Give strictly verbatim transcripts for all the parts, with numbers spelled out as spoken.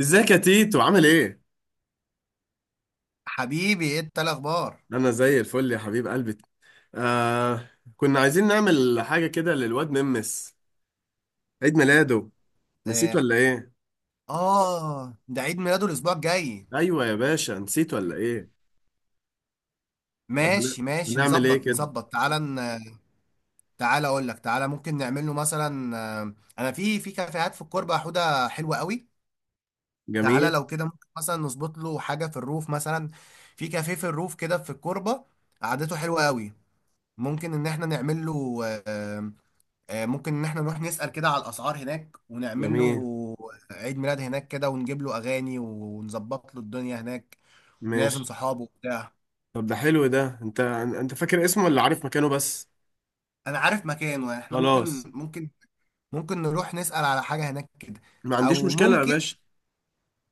ازيك يا تيتو عامل ايه؟ حبيبي، ايه إنت الاخبار؟ انا زي الفل يا حبيب قلبي. آه كنا عايزين نعمل حاجة كده للواد ممس، عيد ميلاده. نسيت اه. ولا ايه؟ آه، ده عيد ميلاده الاسبوع الجاي. ايوه يا باشا، نسيت ولا ايه؟ طب هن- ماشي ماشي، هنعمل ايه نظبط كده؟ نظبط، تعالى ن... تعالى اقول لك. تعالى ممكن نعمل له مثلا، آه، انا في في كافيهات في الكوربه، حوده حلوه قوي. تعالى، جميل لو كده ممكن مثلا نظبط له حاجه في الروف مثلا. في كافيه في الروف كده في الكوربه. قعدته حلوه قوي. ممكن ان احنا نعمل له. آه، آه، ممكن ان احنا نروح نسأل كده على الاسعار هناك ونعمل جميل له عيد ميلاد هناك كده، ونجيب له اغاني، ونظبط له الدنيا هناك. لازم ماشي. صحابه وبتاع. طب ده حلو. ده انت انت فاكر اسمه ولا عارف مكانه بس؟ انا عارف مكانه، يعني احنا خلاص، ممكن ممكن ممكن نروح نسأل على حاجة هناك كده. ما عنديش او مشكلة يا ممكن، باشا.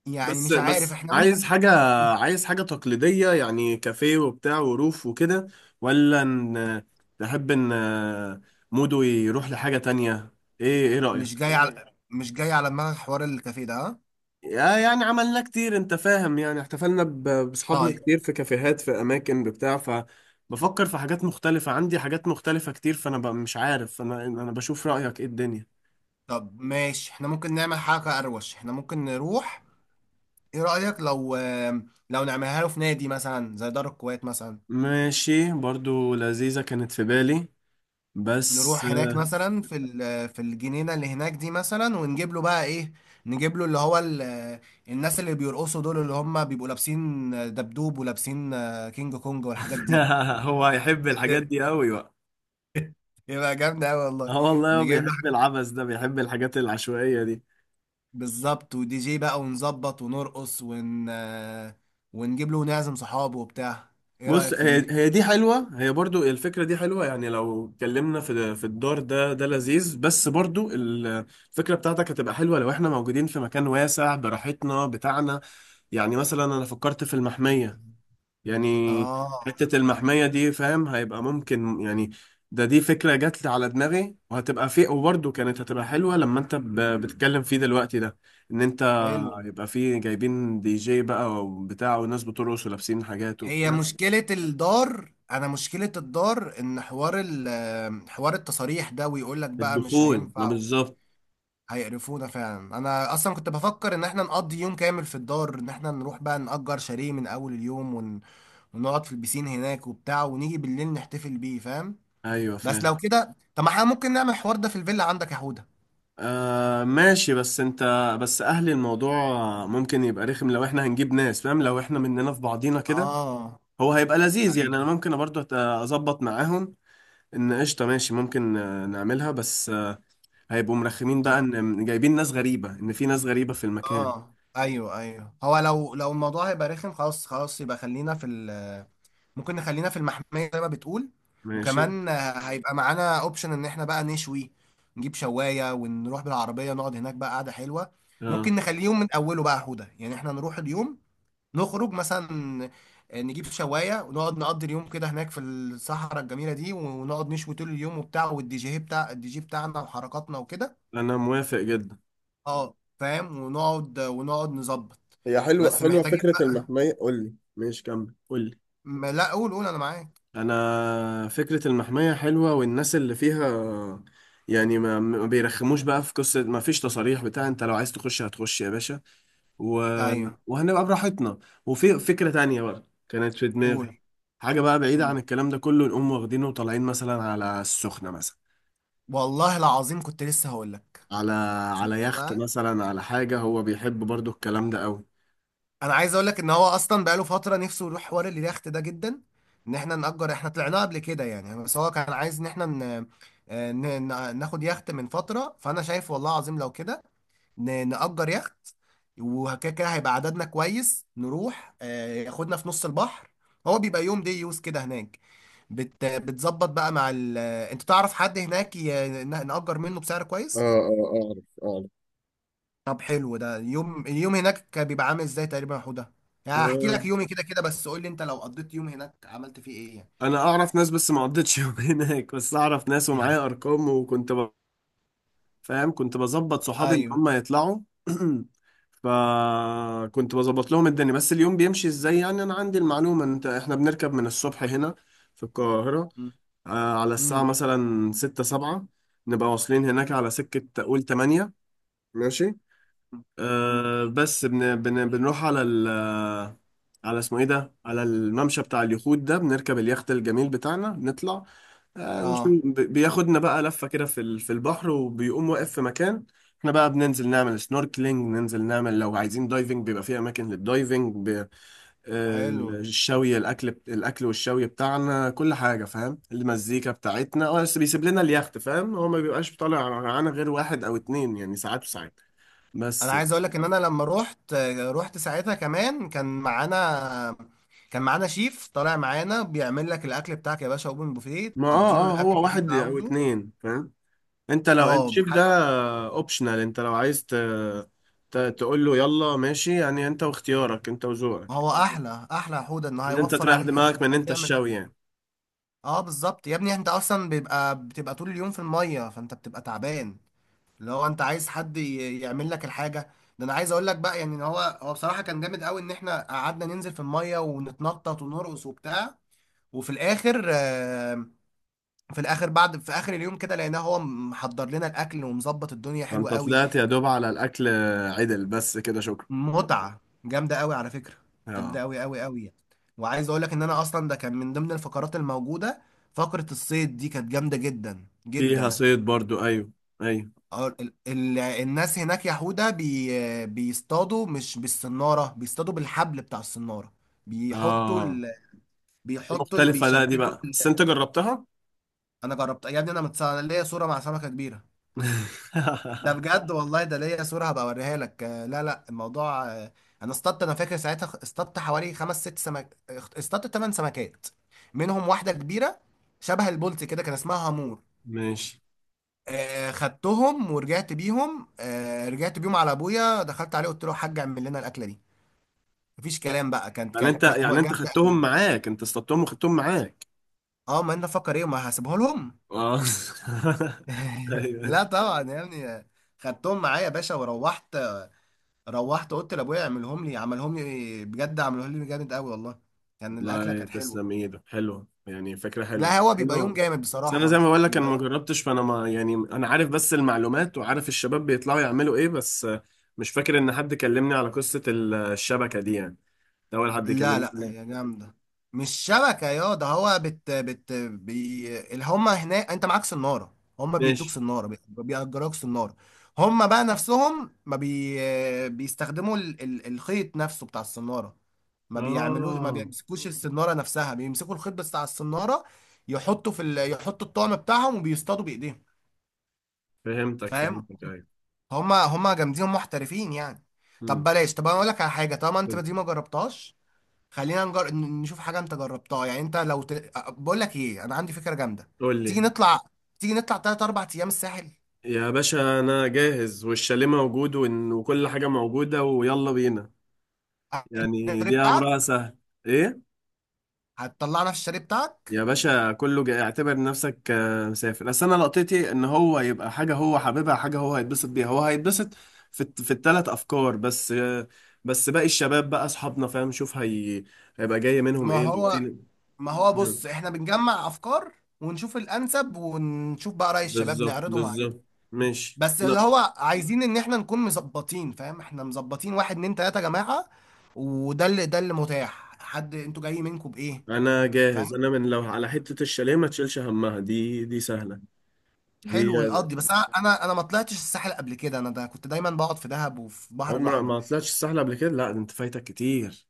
يعني بس مش عارف بس احنا ممكن. عايز حاجة، عايز حاجة تقليدية، يعني كافيه وبتاع وروف وكده، ولا ان تحب ان مودو يروح لحاجة تانية؟ ايه ايه رأيك؟ مش جاي على مش جاي على دماغك حوار الكافيه ده، ها؟ يا- يعني عملنا كتير، انت فاهم، يعني احتفلنا ب- بأصحابنا طيب. كتير في كافيهات في اماكن بتاع فبفكر في حاجات مختلفة، عندي حاجات مختلفة كتير، فانا ب- مش عارف، انا انا بشوف رأيك ايه الدنيا. طب ماشي، احنا ممكن نعمل حاجة اروش، احنا ممكن نروح. ايه رأيك، لو لو نعملها له في نادي مثلا، زي دار الكويت مثلا؟ ماشي، برضو لذيذة كانت في بالي بس. نروح هناك مثلا، في ال- آه، في الجنينه اللي هناك دي مثلا، ونجيب له بقى ايه. نجيب له اللي هو. ال- آه، الناس اللي بيرقصوا دول، اللي هم بيبقوا لابسين دبدوب ولابسين آه، كينج كونج والحاجات دي. هو هيحب الحاجات دي قوي بقى. يبقى جامدة أوي والله. اه والله، هو نجيب له بيحب حاجة. العبث ده، بيحب الحاجات العشوائية دي. بالظبط، ودي جي بقى، ونظبط ونرقص ون آه، ونجيب له ونعزم صحابه وبتاع. ايه بص، رأيك في هي دي؟ هي دي حلوة، هي برضو الفكرة دي حلوة، يعني لو اتكلمنا في في الدار ده ده لذيذ. بس برضو ال- الفكرة بتاعتك هتبقى حلوة لو احنا موجودين في مكان واسع براحتنا بتاعنا، يعني مثلا انا فكرت في المحمية. يعني اه، حتة المحمية دي، فاهم، هيبقى ممكن يعني. ده دي فكرة جات لي على دماغي وهتبقى في، وبرضه كانت هتبقى حلوة لما انت ب- بتتكلم فيه دلوقتي ده، ان انت حلو. هيبقى فيه جايبين دي جي بقى وبتاع، والناس بترقص ولابسين حاجات هي وبتاع. مشكلة الدار، أنا مشكلة الدار إن حوار ال حوار التصاريح ده، ويقول لك بقى مش الدخول، ما هينفع. بالظبط. هيقرفونا فعلا. أنا أصلا كنت بفكر إن إحنا نقضي يوم كامل في الدار، إن إحنا نروح بقى نأجر شاليه من أول اليوم ون... ونقعد في البسين هناك وبتاع، ونيجي بالليل نحتفل بيه، فاهم. ايوه بس فاهم. لو كده، طب ما إحنا ممكن نعمل الحوار ده في الفيلا عندك يا حودة. آه ماشي، بس انت، بس اهل الموضوع ممكن يبقى رخم لو احنا هنجيب ناس، فاهم، لو احنا مننا في بعضينا كده، آه هو هيبقى لذيذ. يعني انا أيوه. ممكن برضه أت- اظبط معاهم ان قشطه ماشي، ممكن آه، نعملها، بس آه، هيبقوا مرخمين بقى طب ان جايبين ناس غريبه، ان في ناس غريبه في المكان. آه أيوه أيوه، هو لو لو الموضوع هيبقى رخم، خلاص خلاص، يبقى خلينا في. ممكن نخلينا في المحمية زي ما بتقول. ماشي. وكمان، آه، هيبقى معانا اوبشن ان احنا بقى نشوي. نجيب شواية، ونروح بالعربية نقعد هناك بقى قعدة حلوة. اه ممكن نخليه يوم من اوله بقى هدى، يعني احنا نروح اليوم. نخرج مثلا. آه، نجيب شواية ونقعد نقضي اليوم كده هناك في الصحراء الجميلة دي، ونقعد نشوي طول اليوم وبتاع، والدي جي، بتاع الدي جي بتاعنا وحركاتنا وكده. انا موافق جدا. اه فاهم، ونقعد ونقعد نظبط. هي حلوة، بس حلوة محتاجين. فكرة المحمية. قول لي ماشي، كمل قول لي. بقى لا، قول قول، انا معاك. انا فكرة المحمية حلوة والناس اللي فيها، يعني ما ما بيرخموش بقى، في قصة ما فيش تصاريح بتاع، انت لو عايز تخش هتخش يا باشا. و... ايوه، وهنبقى براحتنا. وفي فكرة تانية بقى كانت في دماغي، قول حاجة بقى بعيدة عن قول. الكلام ده كله، نقوم واخدينه وطالعين مثلا على السخنة مثلا، والله العظيم كنت لسه هقول لك. على صدق على يخت بقى. مثلا، على حاجة، هو بيحب برضو الكلام ده قوي. انا عايز اقول لك ان هو اصلا بقاله فتره نفسه يروح حوار اليخت ده جدا. ان احنا نأجر، احنا طلعناه قبل كده يعني، بس هو كان عايز ان احنا ن... آه، ن... ن- ناخد يخت من فتره. فانا شايف والله العظيم، لو كده. ن... نأجر يخت. وكده كده هيبقى عددنا كويس، نروح آه، ياخدنا في نص البحر. هو بيبقى يوم دي يوز كده هناك. بت... بتظبط بقى مع ال... آه، انت تعرف حد هناك، ي... ن- نأجر منه بسعر اه كويس. اه اعرف طب حلو ده. يوم اليوم هناك بيبقى عامل ازاي تقريبا يا حوده؟ يعني هحكي اعرف. لك يومي كده كده، بس قول لي انت لو قضيت يوم هناك عملت فيه ايه يعني. انا اعرف ناس بس ما قضيتش يوم هناك، بس اعرف ناس ومعايا ارقام، وكنت، فاهم، كنت بظبط صحابي ان ايوه. هم يطلعوا. فكنت بظبط لهم الدنيا. بس اليوم بيمشي ازاي؟ يعني انا عندي المعلومة ان انت احنا بنركب من الصبح هنا في القاهرة، مم. آه، على الساعة مم. مثلا ستة سبعة، نبقى واصلين هناك مم. على سكة قول تمانية. ماشي. مم. آه، بس بن بن بنروح على ال، على اسمه ايه ده، على الممشى بتاع اليخوت ده. بنركب اليخت الجميل بتاعنا، نطلع، آه، نشوف. اه، ب- بياخدنا بقى لفة كده في ال- في البحر، وبيقوم واقف في مكان، احنا بقى بننزل نعمل سنوركلينج، ننزل نعمل، لو عايزين دايفنج بيبقى في اماكن للدايفنج. ب- آه، حلو. الشوي الاكل بت- الاكل والشوي بتاعنا، كل حاجة، فاهم، المزيكا بتاعتنا. اه بس بيسيب لنا اليخت، فاهم، هو ما بيبقاش طالع معانا غير واحد او اتنين، يعني ساعات وساعات انا بس. عايز اقول لك ان انا لما رحت رحت ساعتها، كمان كان معانا كان معانا شيف طالع معانا، بيعمل لك الاكل بتاعك يا باشا، اوبن بوفيه، ما تديله اه اه الاكل هو اللي انت واحد او عاوزه. اتنين، فاهم، انت لو انت اه. شايف ده حد- اوبشنال، انت لو عايز ت... ت... تقول له يلا ماشي، يعني انت واختيارك انت وذوقك، هو احلى احلى يا حوده، انه ان انت هيوفر تريح عليك حته دماغك من انك انت تعمل. الشوي يعني. اه بالظبط يا ابني، انت اصلا بيبقى بتبقى طول اليوم في الميه، فانت بتبقى تعبان. اللي هو انت عايز حد ي- يعمل لك الحاجه. ده انا عايز اقول لك بقى يعني، ان هو هو بصراحه كان جامد قوي، ان احنا قعدنا ننزل في الميه ونتنطط ونرقص وبتاع. وفي الاخر، آه، في الاخر، بعد، في اخر اليوم كده، لقيناه هو محضر لنا الاكل ومظبط الدنيا حلوه انت قوي. طلعت يا دوب على الاكل عدل بس كده، شكرا. متعه جامده قوي على فكره. جامده اه، قوي قوي قوي. وعايز اقول لك ان انا اصلا ده كان من ضمن الفقرات الموجوده. فقره الصيد دي كانت جامده جدا فيها جدا. صيد برضو. ايوه ايوه اه، ال- ال- الناس هناك يهودا بي بيصطادوا مش بالصنارة، بيصطادوا بالحبل بتاع الصنارة. بيحطوا اه. ال... دي بيحطوا ال... مختلفة. ده دي بيشبتوا بقى ال... بس انت جربتها؟ انا جربت يا ابني. انا متص... انا ليا صورة مع سمكة كبيرة. ده بجد والله، ده ليا صورة هبقى اوريها لك. آه، لا لا الموضوع. آه، انا اصطدت انا فاكر ساعتها خ- اصطدت حوالي خمس ست سمك. اخت- اصطدت ثمان سمكات، منهم واحدة كبيرة شبه البولت كده، كان اسمها هامور. ماشي. آه، خدتهم ورجعت بيهم. آه، رجعت بيهم على ابويا، دخلت عليه قلت له يا حاج اعمل لنا الاكله دي. مفيش كلام بقى، كانت يعني انت، كانت كانت م- يعني انت جامده خدتهم قوي. معاك، انت اصطدتهم وخدتهم معاك. اه ما انا فكر ايه، ما هسيبها لهم. اه لا ايوه. طبعا يا ابني. خدتهم معايا يا باشا وروحت. روحت قلت لابويا، اعملهم لي، عملهم لي بجد، عملهم لي جامد قوي والله. كان الاكله والله كانت حلوه. تسلم ايدك، حلوه يعني، فكره حلوه. لا، هو بيبقى يوم انا جامد بس، انا زي بصراحه، ما بقول لك، انا بيبقى ما يوم. جربتش، فانا ما يعني، انا عارف بس المعلومات، وعارف الشباب بيطلعوا يعملوا ايه، بس آه، مش فاكر ان حد كلمني على قصه ال- الشبكه دي يعني، ده اول حد لا يكلمني لا، عنها. هي جامدة. مش شبكة يا ده. هو بت بت بي اللي هما هناك، انت معاك سنارة، هما بيدوك ماشي. سنارة، بي- بيأجروك سنارة. هما بقى نفسهم ما بي بيستخدموا ال... ال... الخيط نفسه بتاع السنارة. ما بيعملوش، ما اه، بيمسكوش السنارة نفسها، بيمسكوا الخيط بس بتاع السنارة. يحطوا في. ال... يحطوا الطعم بتاعهم، وبيصطادوا بإيديهم. فهمتك، فاهم. فهمتك، ايوه. هما هما جامدين، هما محترفين يعني. طب امم. بلاش، طب انا اقول لك على حاجة طالما انت قول، دي ما جربتهاش. خلينا نجر... ن- نشوف حاجة انت جربتها، يعني انت لو ت... بقول لك ايه، انا عندي فكرة جامدة. قول تيجي لي. نطلع تيجي نطلع تلات اربع ايام الساحل. يا باشا انا جاهز، والشاليه موجود، وإن- وكل حاجه موجوده، ويلا بينا. يعني الشاليه دي بتاعك. امرها سهل. ايه، هتطلعنا في الشاليه بتاعك؟ يا باشا كله جاي، اعتبر نفسك آه، مسافر، بس انا لقطتي ان هو يبقى حاجه هو حاببها، حاجه هو هيتبسط بيها، هو هيتبسط في الت- في الثلاث افكار بس، آه، بس باقي الشباب بقى اصحابنا، فاهم، شوف هي هيبقى جاي منهم ما ايه لو هو في. ما هو بص، احنا بنجمع افكار. ونشوف الانسب، ونشوف بقى رأي الشباب بالظبط، نعرضهم عليهم. بالظبط، ماشي. بس اللي لا هو عايزين ان احنا نكون مظبطين، فاهم، احنا مظبطين واحد اتنين تلاتة يا جماعة. وده اللي ده اللي متاح. حد انتوا جايين منكم بايه؟ انا جاهز، انا من لو على حته الشاليه ما تشيلش همها، دي دي سهله دي. حلو، نقضي. بس انا انا أنا ما طلعتش الساحل قبل كده، انا ده كنت دايما بقعد في دهب وفي البحر عمرك الاحمر. ما طلعتش بس. سهله قبل كده؟ لا ده انت فايتك كتير.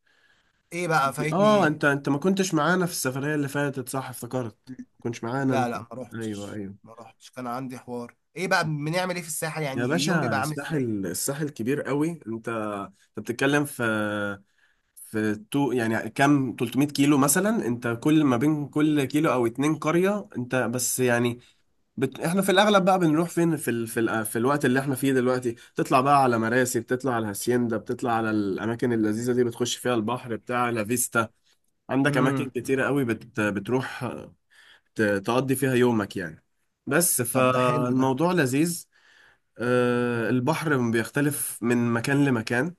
ايه بقى فايتني، اه ايه؟ انت انت ما كنتش معانا في السفرية اللي فاتت، صح افتكرت، ما كنتش معانا لا انت. لا، ما ايوه روحتش ايوه، ما روحتش كان عندي حوار، ايه بقى بنعمل ايه في الساحل يا يعني، اليوم باشا بيبقى عامل ازاي؟ الساحل، الساحل كبير قوي، انت انت بتتكلم في في تو يعني، كام ثلاث مية كيلو مثلا، انت كل ما بين كل كيلو او اتنين قرية، انت بس يعني بت... احنا في الاغلب بقى بنروح فين في ال... في, ال... في الوقت اللي احنا فيه دلوقتي، تطلع بقى على مراسي، بتطلع على هاسيندا، بتطلع على الاماكن اللذيذة دي، بتخش فيها البحر بتاع لا فيستا. عندك اماكن امم. كتيرة قوي بت... بتروح ت- تقضي فيها يومك يعني، بس طب ده حلو ده. فالموضوع لذيذ. آه، البحر بيختلف من مكان لمكان،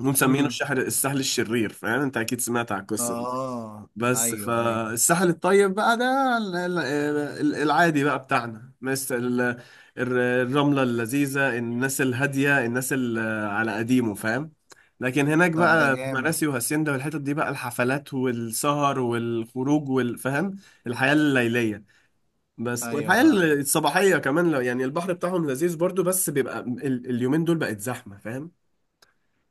ومسمينه امم. الشحر الساحل الشرير، فاهم، انت اكيد سمعت عن القصه دي. اه. بس ايوه ايوه. فالساحل الطيب بقى ده ال- ال- ال- العادي بقى بتاعنا، مثل ال- الر- الرمله اللذيذه، الناس الهاديه، الناس ال- على قديمه، فاهم. لكن هناك طب ده بقى في جامد. مراسي وهاسيندا والحتت دي بقى الحفلات والسهر والخروج والفهم، الحياه الليليه. بس ايوه والحياة الصباحية كمان، لو يعني البحر بتاعهم لذيذ برضو، بس بيبقى ال- اليومين دول بقت زحمة، فاهم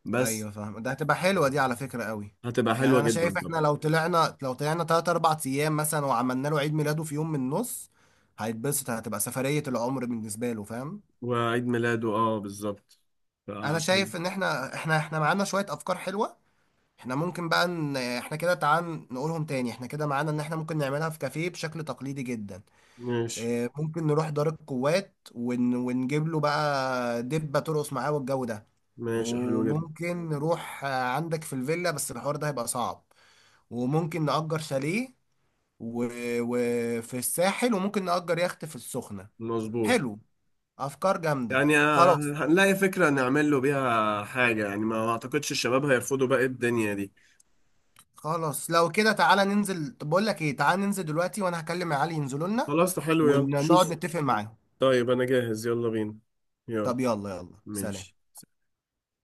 بس. ايوه فاهم، ده هتبقى حلوه دي على فكره قوي. هتبقى يعني حلوة انا جدا شايف، احنا طبعا. لو طلعنا لو طلعنا تلاتة اربعة ايام مثلا، وعملنا له عيد ميلاده في يوم من النص. هيتبسط، هتبقى سفريه العمر بالنسبه له، فاهم. وعيد ميلاده اه بالظبط. ف- انا حلو. شايف ان احنا احنا احنا معانا شويه افكار حلوه. احنا ممكن بقى ان احنا كده، تعال نقولهم تاني، احنا كده معانا ان احنا ممكن نعملها في كافيه بشكل تقليدي جدا. ماشي اه، ممكن نروح دار القوات ون... ونجيب له بقى دبة ترقص معاه، والجو ده. ماشي حلو جدا. وممكن نروح آه، عندك في الفيلا، بس الحوار ده هيبقى صعب. وممكن نأجر شاليه. وفي و... وفي الساحل. وممكن نأجر يخت في السخنة. مظبوط. حلو، أفكار جامدة. يعني آه، خلاص هنلاقي فكرة نعمل له بيها حاجة، يعني ما اعتقدش الشباب هيرفضوا بقى الدنيا دي. خلاص، لو كده تعالى ننزل. طب بقول لك ايه، تعالى ننزل دلوقتي، وانا هكلم علي ينزلوا لنا. خلاص، ده حلو يلا ونقعد شوف. نتفق معاهم. طيب انا جاهز، يلا بينا. يلا. طب يلا يلا، ماشي سلام.